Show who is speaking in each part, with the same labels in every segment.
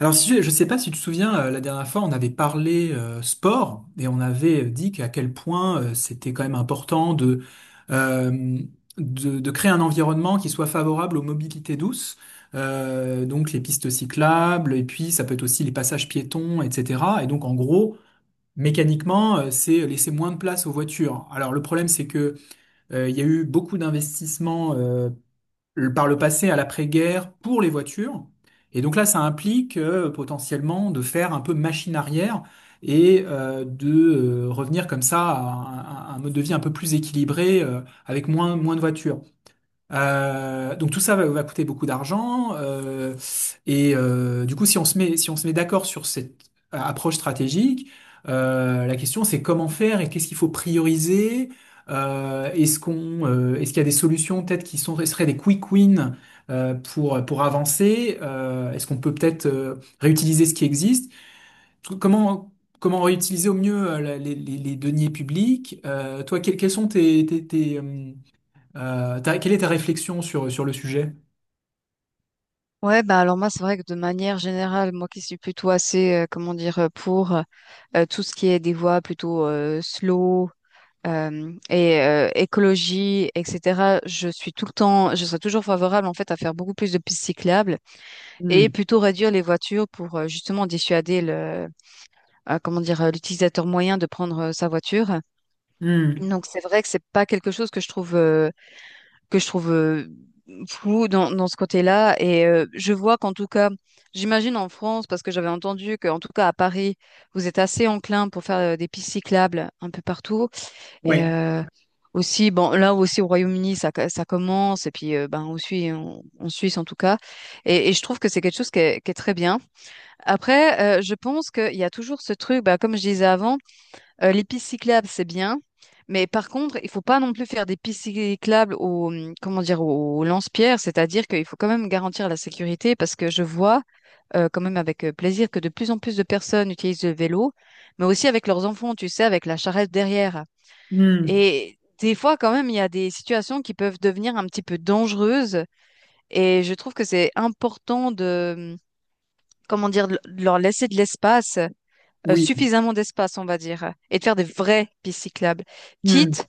Speaker 1: Alors, si tu- je ne sais pas si tu te souviens, la dernière fois, on avait parlé sport et on avait dit qu'à quel point c'était quand même important euh, de créer un environnement qui soit favorable aux mobilités douces, donc les pistes cyclables, et puis ça peut être aussi les passages piétons, etc. Et donc, en gros, mécaniquement, c'est laisser moins de place aux voitures. Alors, le problème, c'est que il y a eu beaucoup d'investissements par le passé à l'après-guerre pour les voitures. Et donc là, ça implique potentiellement de faire un peu machine arrière et de revenir comme ça à à un mode de vie un peu plus équilibré avec moins de voitures. Donc tout ça va coûter beaucoup d'argent et du coup si on se met d'accord sur cette approche stratégique, la question c'est comment faire et qu'est-ce qu'il faut prioriser. Est-ce qu'il y a des solutions peut-être qui sont seraient des quick wins pour avancer. Est-ce qu'on peut peut-être réutiliser ce qui existe? Tout- Comment comment réutiliser au mieux les deniers publics? Toi quels sont quelle est ta réflexion sur le sujet?
Speaker 2: Ouais, bah alors moi, c'est vrai que de manière générale, moi qui suis plutôt assez, comment dire, pour tout ce qui est des voies plutôt slow et écologie, etc., je suis tout le temps, je serais toujours favorable en fait à faire beaucoup plus de pistes cyclables et
Speaker 1: Hmm.
Speaker 2: plutôt réduire les voitures pour justement dissuader comment dire, l'utilisateur moyen de prendre sa voiture.
Speaker 1: Hmm.
Speaker 2: Donc c'est vrai que c'est pas quelque chose que je trouve que je trouve euh, flou dans ce côté-là. Et je vois qu'en tout cas, j'imagine en France, parce que j'avais entendu qu'en tout cas à Paris, vous êtes assez enclin pour faire des pistes cyclables un peu partout. Et
Speaker 1: Ouais.
Speaker 2: aussi, bon, là aussi au Royaume-Uni, ça commence. Et puis, ben, aussi en Suisse en tout cas. Et je trouve que c'est quelque chose qui est très bien. Après, je pense qu'il y a toujours ce truc, bah, comme je disais avant, les pistes cyclables, c'est bien. Mais par contre, il faut pas non plus faire des pistes cyclables au, comment dire, au lance-pierre, c'est-à-dire qu'il faut quand même garantir la sécurité parce que je vois quand même avec plaisir que de plus en plus de personnes utilisent le vélo, mais aussi avec leurs enfants, tu sais, avec la charrette derrière.
Speaker 1: Hmm.
Speaker 2: Et des fois, quand même, il y a des situations qui peuvent devenir un petit peu dangereuses et je trouve que c'est important comment dire, de leur laisser de l'espace
Speaker 1: Oui.
Speaker 2: suffisamment d'espace, on va dire, et de faire des vraies pistes cyclables,
Speaker 1: Hmm.
Speaker 2: quitte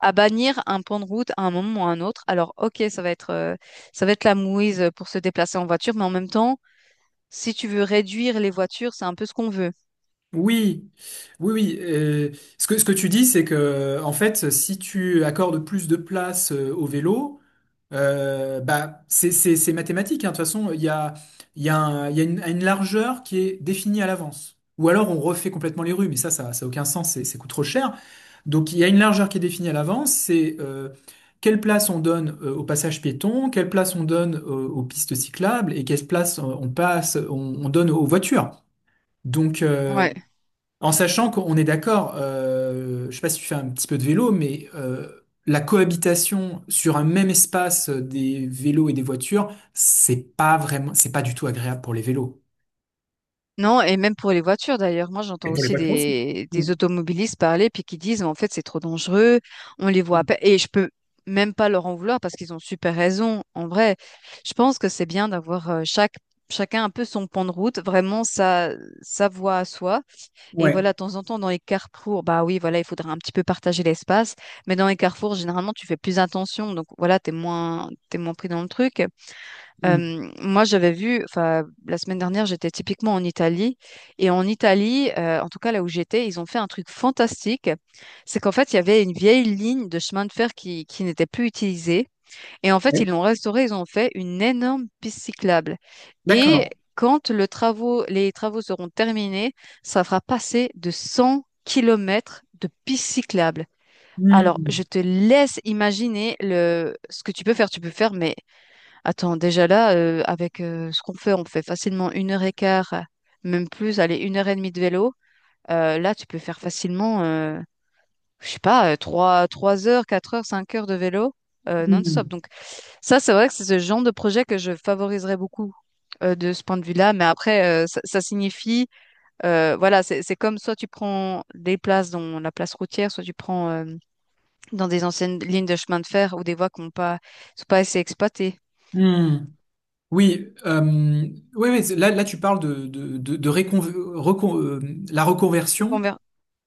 Speaker 2: à bannir un pan de route à un moment ou à un autre. Alors, ok, ça va être la mouise pour se déplacer en voiture, mais en même temps, si tu veux réduire les voitures, c'est un peu ce qu'on veut.
Speaker 1: Oui, oui, oui. Ce que tu dis, c'est que, en fait, si tu accordes plus de place au vélo, bah, c'est mathématique, hein. De toute façon, il y a une largeur qui est définie à l'avance. Ou alors on refait complètement les rues, mais ça a aucun sens, ça coûte trop cher. Donc il y a une largeur qui est définie à l'avance, c'est quelle place on donne au passage piéton, quelle place on donne aux pistes cyclables et quelle place on donne aux voitures. Donc euh,
Speaker 2: Ouais.
Speaker 1: En sachant qu'on est d'accord, je sais pas si tu fais un petit peu de vélo, mais la cohabitation sur un même espace des vélos et des voitures, c'est pas du tout agréable pour les vélos.
Speaker 2: Non, et même pour les voitures d'ailleurs. Moi, j'entends
Speaker 1: Et pour les
Speaker 2: aussi
Speaker 1: voitures aussi. Mm.
Speaker 2: des automobilistes parler puis qui disent, en fait, c'est trop dangereux, on les voit à peine. Et je peux même pas leur en vouloir parce qu'ils ont super raison. En vrai, je pense que c'est bien d'avoir chacun un peu son pan de route, sa voie à soi. Et
Speaker 1: Ouais.
Speaker 2: voilà, de temps en temps, dans les carrefours, bah oui, voilà, il faudra un petit peu partager l'espace. Mais dans les carrefours, généralement, tu fais plus attention. Donc voilà, t'es moins pris dans le truc.
Speaker 1: Mm.
Speaker 2: Moi, j'avais vu, enfin, la semaine dernière, j'étais typiquement en Italie. Et en Italie, en tout cas là où j'étais, ils ont fait un truc fantastique. C'est qu'en fait, il y avait une vieille ligne de chemin de fer qui n'était plus utilisée. Et en fait,
Speaker 1: Ouais.
Speaker 2: ils l'ont restaurée, ils ont fait une énorme piste cyclable. Et
Speaker 1: D'accord.
Speaker 2: quand les travaux seront terminés, ça fera passer de 100 kilomètres de piste cyclable. Alors, je
Speaker 1: Mm.
Speaker 2: te laisse imaginer ce que tu peux faire. Attends, déjà là, avec ce qu'on fait, on fait facilement une heure et quart, même plus, allez, une heure et demie de vélo. Là, tu peux faire facilement, je sais pas, trois heures, quatre heures, cinq heures de vélo non-stop.
Speaker 1: Mm.
Speaker 2: Donc ça, c'est vrai que c'est ce genre de projet que je favoriserais beaucoup de ce point de vue-là. Mais après, ça signifie, voilà, c'est comme soit tu prends des places dans la place routière, soit tu prends dans des anciennes lignes de chemin de fer ou des voies qui n'ont pas, sont pas assez exploitées.
Speaker 1: Mm. Oui, ouais, là tu parles de, de, de, de récon- recon- euh, la
Speaker 2: Donc on
Speaker 1: reconversion.
Speaker 2: verra.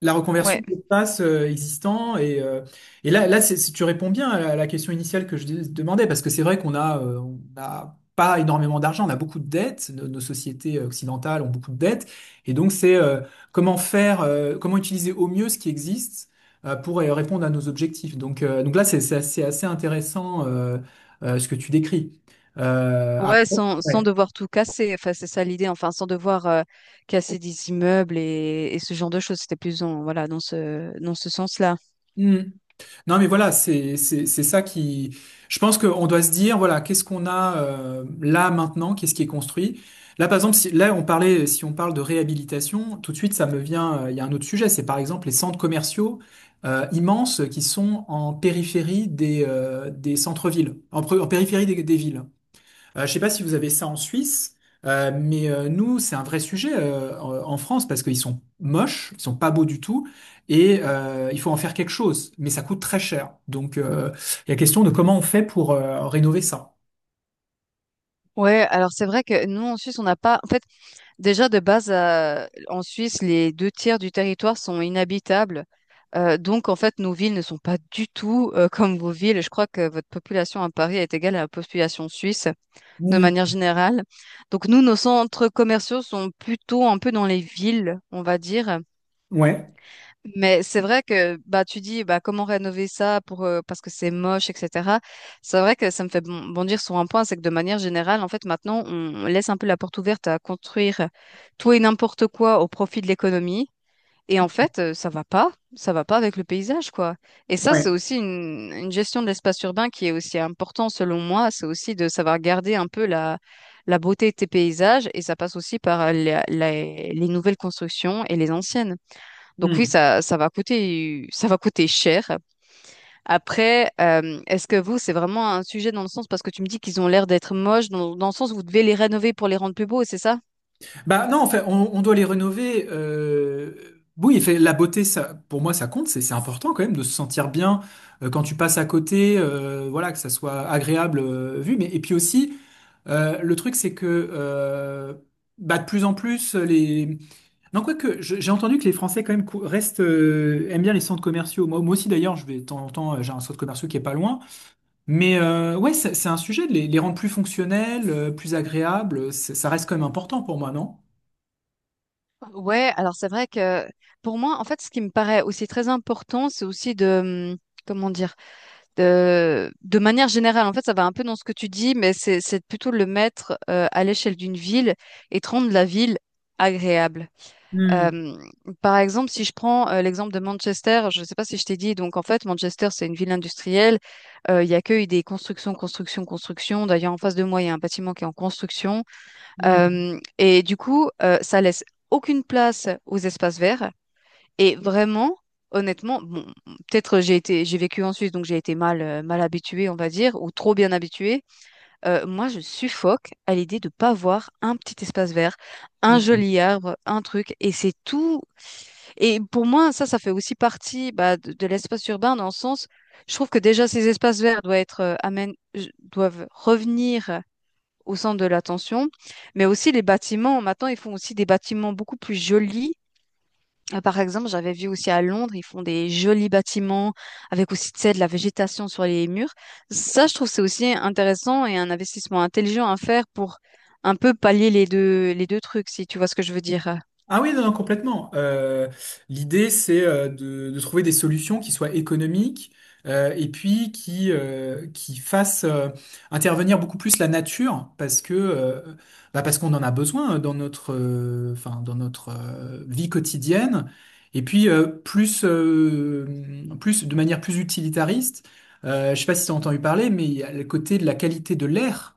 Speaker 1: La reconversion
Speaker 2: Ouais.
Speaker 1: d'espace existant et là, tu réponds bien à la question initiale que demandais parce que c'est vrai qu'on a, on n'a pas énormément d'argent, on a beaucoup de dettes, nos sociétés occidentales ont beaucoup de dettes et donc c'est comment faire, comment utiliser au mieux ce qui existe pour répondre à nos objectifs. Donc là c'est assez intéressant ce que tu décris. Après,
Speaker 2: Ouais, sans
Speaker 1: ouais.
Speaker 2: devoir tout casser. Enfin, c'est ça l'idée. Enfin, sans devoir casser des immeubles et ce genre de choses. C'était plus dans ce sens-là.
Speaker 1: Hmm. Non, mais voilà, c'est ça qui. Je pense qu'on doit se dire, voilà, qu'est-ce qu'on a là maintenant, qu'est-ce qui est construit. Là, par exemple, si on parle de réhabilitation, tout de suite ça me vient. Euh, il y a un autre sujet, c'est par exemple les centres commerciaux immenses qui sont en périphérie des centres-villes, en périphérie des villes. Je sais pas si vous avez ça en Suisse, mais nous, c'est un vrai sujet en France parce qu'ils sont moches, ils sont pas beaux du tout, et il faut en faire quelque chose, mais ça coûte très cher. Donc, il y a question de comment on fait pour rénover ça.
Speaker 2: Ouais, alors c'est vrai que nous en Suisse, on n'a pas. En fait, déjà de base, en Suisse, les deux tiers du territoire sont inhabitables. Donc en fait, nos villes ne sont pas du tout comme vos villes. Je crois que votre population à Paris est égale à la population suisse, de manière
Speaker 1: Mm.
Speaker 2: générale. Donc nous, nos centres commerciaux sont plutôt un peu dans les villes, on va dire.
Speaker 1: Ouais,
Speaker 2: Mais c'est vrai que bah tu dis bah comment rénover ça pour parce que c'est moche, etc. C'est vrai que ça me fait bondir sur un point, c'est que de manière générale, en fait, maintenant, on laisse un peu la porte ouverte à construire tout et n'importe quoi au profit de l'économie. Et en fait, ça va pas avec le paysage, quoi. Et ça, c'est
Speaker 1: ouais.
Speaker 2: aussi une gestion de l'espace urbain qui est aussi important selon moi. C'est aussi de savoir garder un peu la beauté de tes paysages et ça passe aussi par les nouvelles constructions et les anciennes. Donc oui,
Speaker 1: Mm.
Speaker 2: ça va coûter cher. Après, est-ce que vous, c'est vraiment un sujet dans le sens parce que tu me dis qu'ils ont l'air d'être moches, dans le sens où vous devez les rénover pour les rendre plus beaux, c'est ça?
Speaker 1: Bah non, en fait, on doit les rénover. Oui, fait, la beauté, ça, pour moi, ça compte. C'est important quand même de se sentir bien quand tu passes à côté, voilà, que ça soit agréable vu. Mais et puis aussi, le truc, c'est que euh, bah, de plus en plus les. Non, quoique, j'ai entendu que les Français quand même restent aiment bien les centres commerciaux. Moi aussi d'ailleurs, je vais de temps en temps, j'ai un centre commercial qui est pas loin. Mais ouais, c'est un sujet de les rendre plus fonctionnels, plus agréables. Ça reste quand même important pour moi, non?
Speaker 2: Ouais, alors c'est vrai que pour moi, en fait, ce qui me paraît aussi très important, comment dire, de manière générale, en fait, ça va un peu dans ce que tu dis, c'est plutôt de le mettre à l'échelle d'une ville et de rendre la ville agréable. Euh, par exemple, si je prends l'exemple de Manchester, je ne sais pas si je t'ai dit, donc en fait, Manchester, c'est une ville industrielle. Il y a que des constructions, constructions, constructions. D'ailleurs, en face de moi, il y a un bâtiment qui est en construction.
Speaker 1: Mm,
Speaker 2: Et du coup, ça laisse aucune place aux espaces verts. Et vraiment, honnêtement, bon, peut-être j'ai été, j'ai vécu en Suisse, donc j'ai été mal habituée, on va dire, ou trop bien habituée. Moi, je suffoque à l'idée de pas voir un petit espace vert, un
Speaker 1: mm.
Speaker 2: joli arbre, un truc, et c'est tout. Et pour moi, ça fait aussi partie bah, de l'espace urbain dans le sens, je trouve que déjà ces espaces verts doivent doivent revenir au centre de l'attention, mais aussi les bâtiments. Maintenant, ils font aussi des bâtiments beaucoup plus jolis. Par exemple, j'avais vu aussi à Londres, ils font des jolis bâtiments avec aussi, tu sais, de la végétation sur les murs. Ça, je trouve que c'est aussi intéressant et un investissement intelligent à faire pour un peu pallier les deux trucs, si tu vois ce que je veux dire.
Speaker 1: Ah oui, non, non, complètement. L'idée, c'est de trouver des solutions qui soient économiques et puis qui fassent intervenir beaucoup plus la nature parce que bah, parce qu'on en a besoin dans dans notre vie quotidienne. Et puis plus de manière plus utilitariste, je sais pas si tu as entendu parler, mais il y a le côté de la qualité de l'air.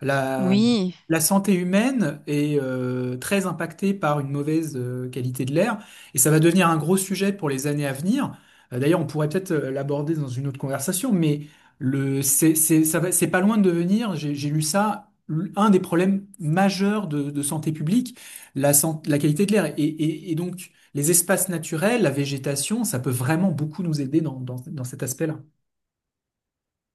Speaker 1: La,
Speaker 2: Oui.
Speaker 1: la santé humaine est très impactée par une mauvaise qualité de l'air et ça va devenir un gros sujet pour les années à venir. D'ailleurs, on pourrait peut-être l'aborder dans une autre conversation, mais le, c'est, ça va- c'est pas loin de devenir, j'ai lu ça, un des problèmes majeurs de santé publique, la qualité de l'air. Et, et donc, les espaces naturels, la végétation, ça peut vraiment beaucoup nous aider dans dans cet aspect-là.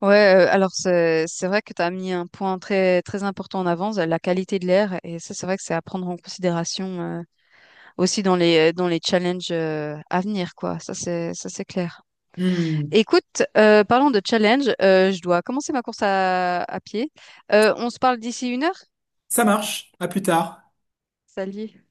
Speaker 2: Ouais, alors c'est vrai que tu as mis un point très très important en avance, la qualité de l'air, et ça c'est vrai que c'est à prendre en considération aussi dans dans les challenges à venir, quoi. Ça, c'est clair.
Speaker 1: Hmm.
Speaker 2: Écoute, parlons de challenge. Je dois commencer ma course à pied. On se parle d'ici 1 heure?
Speaker 1: Ça marche, à plus tard.
Speaker 2: Salut.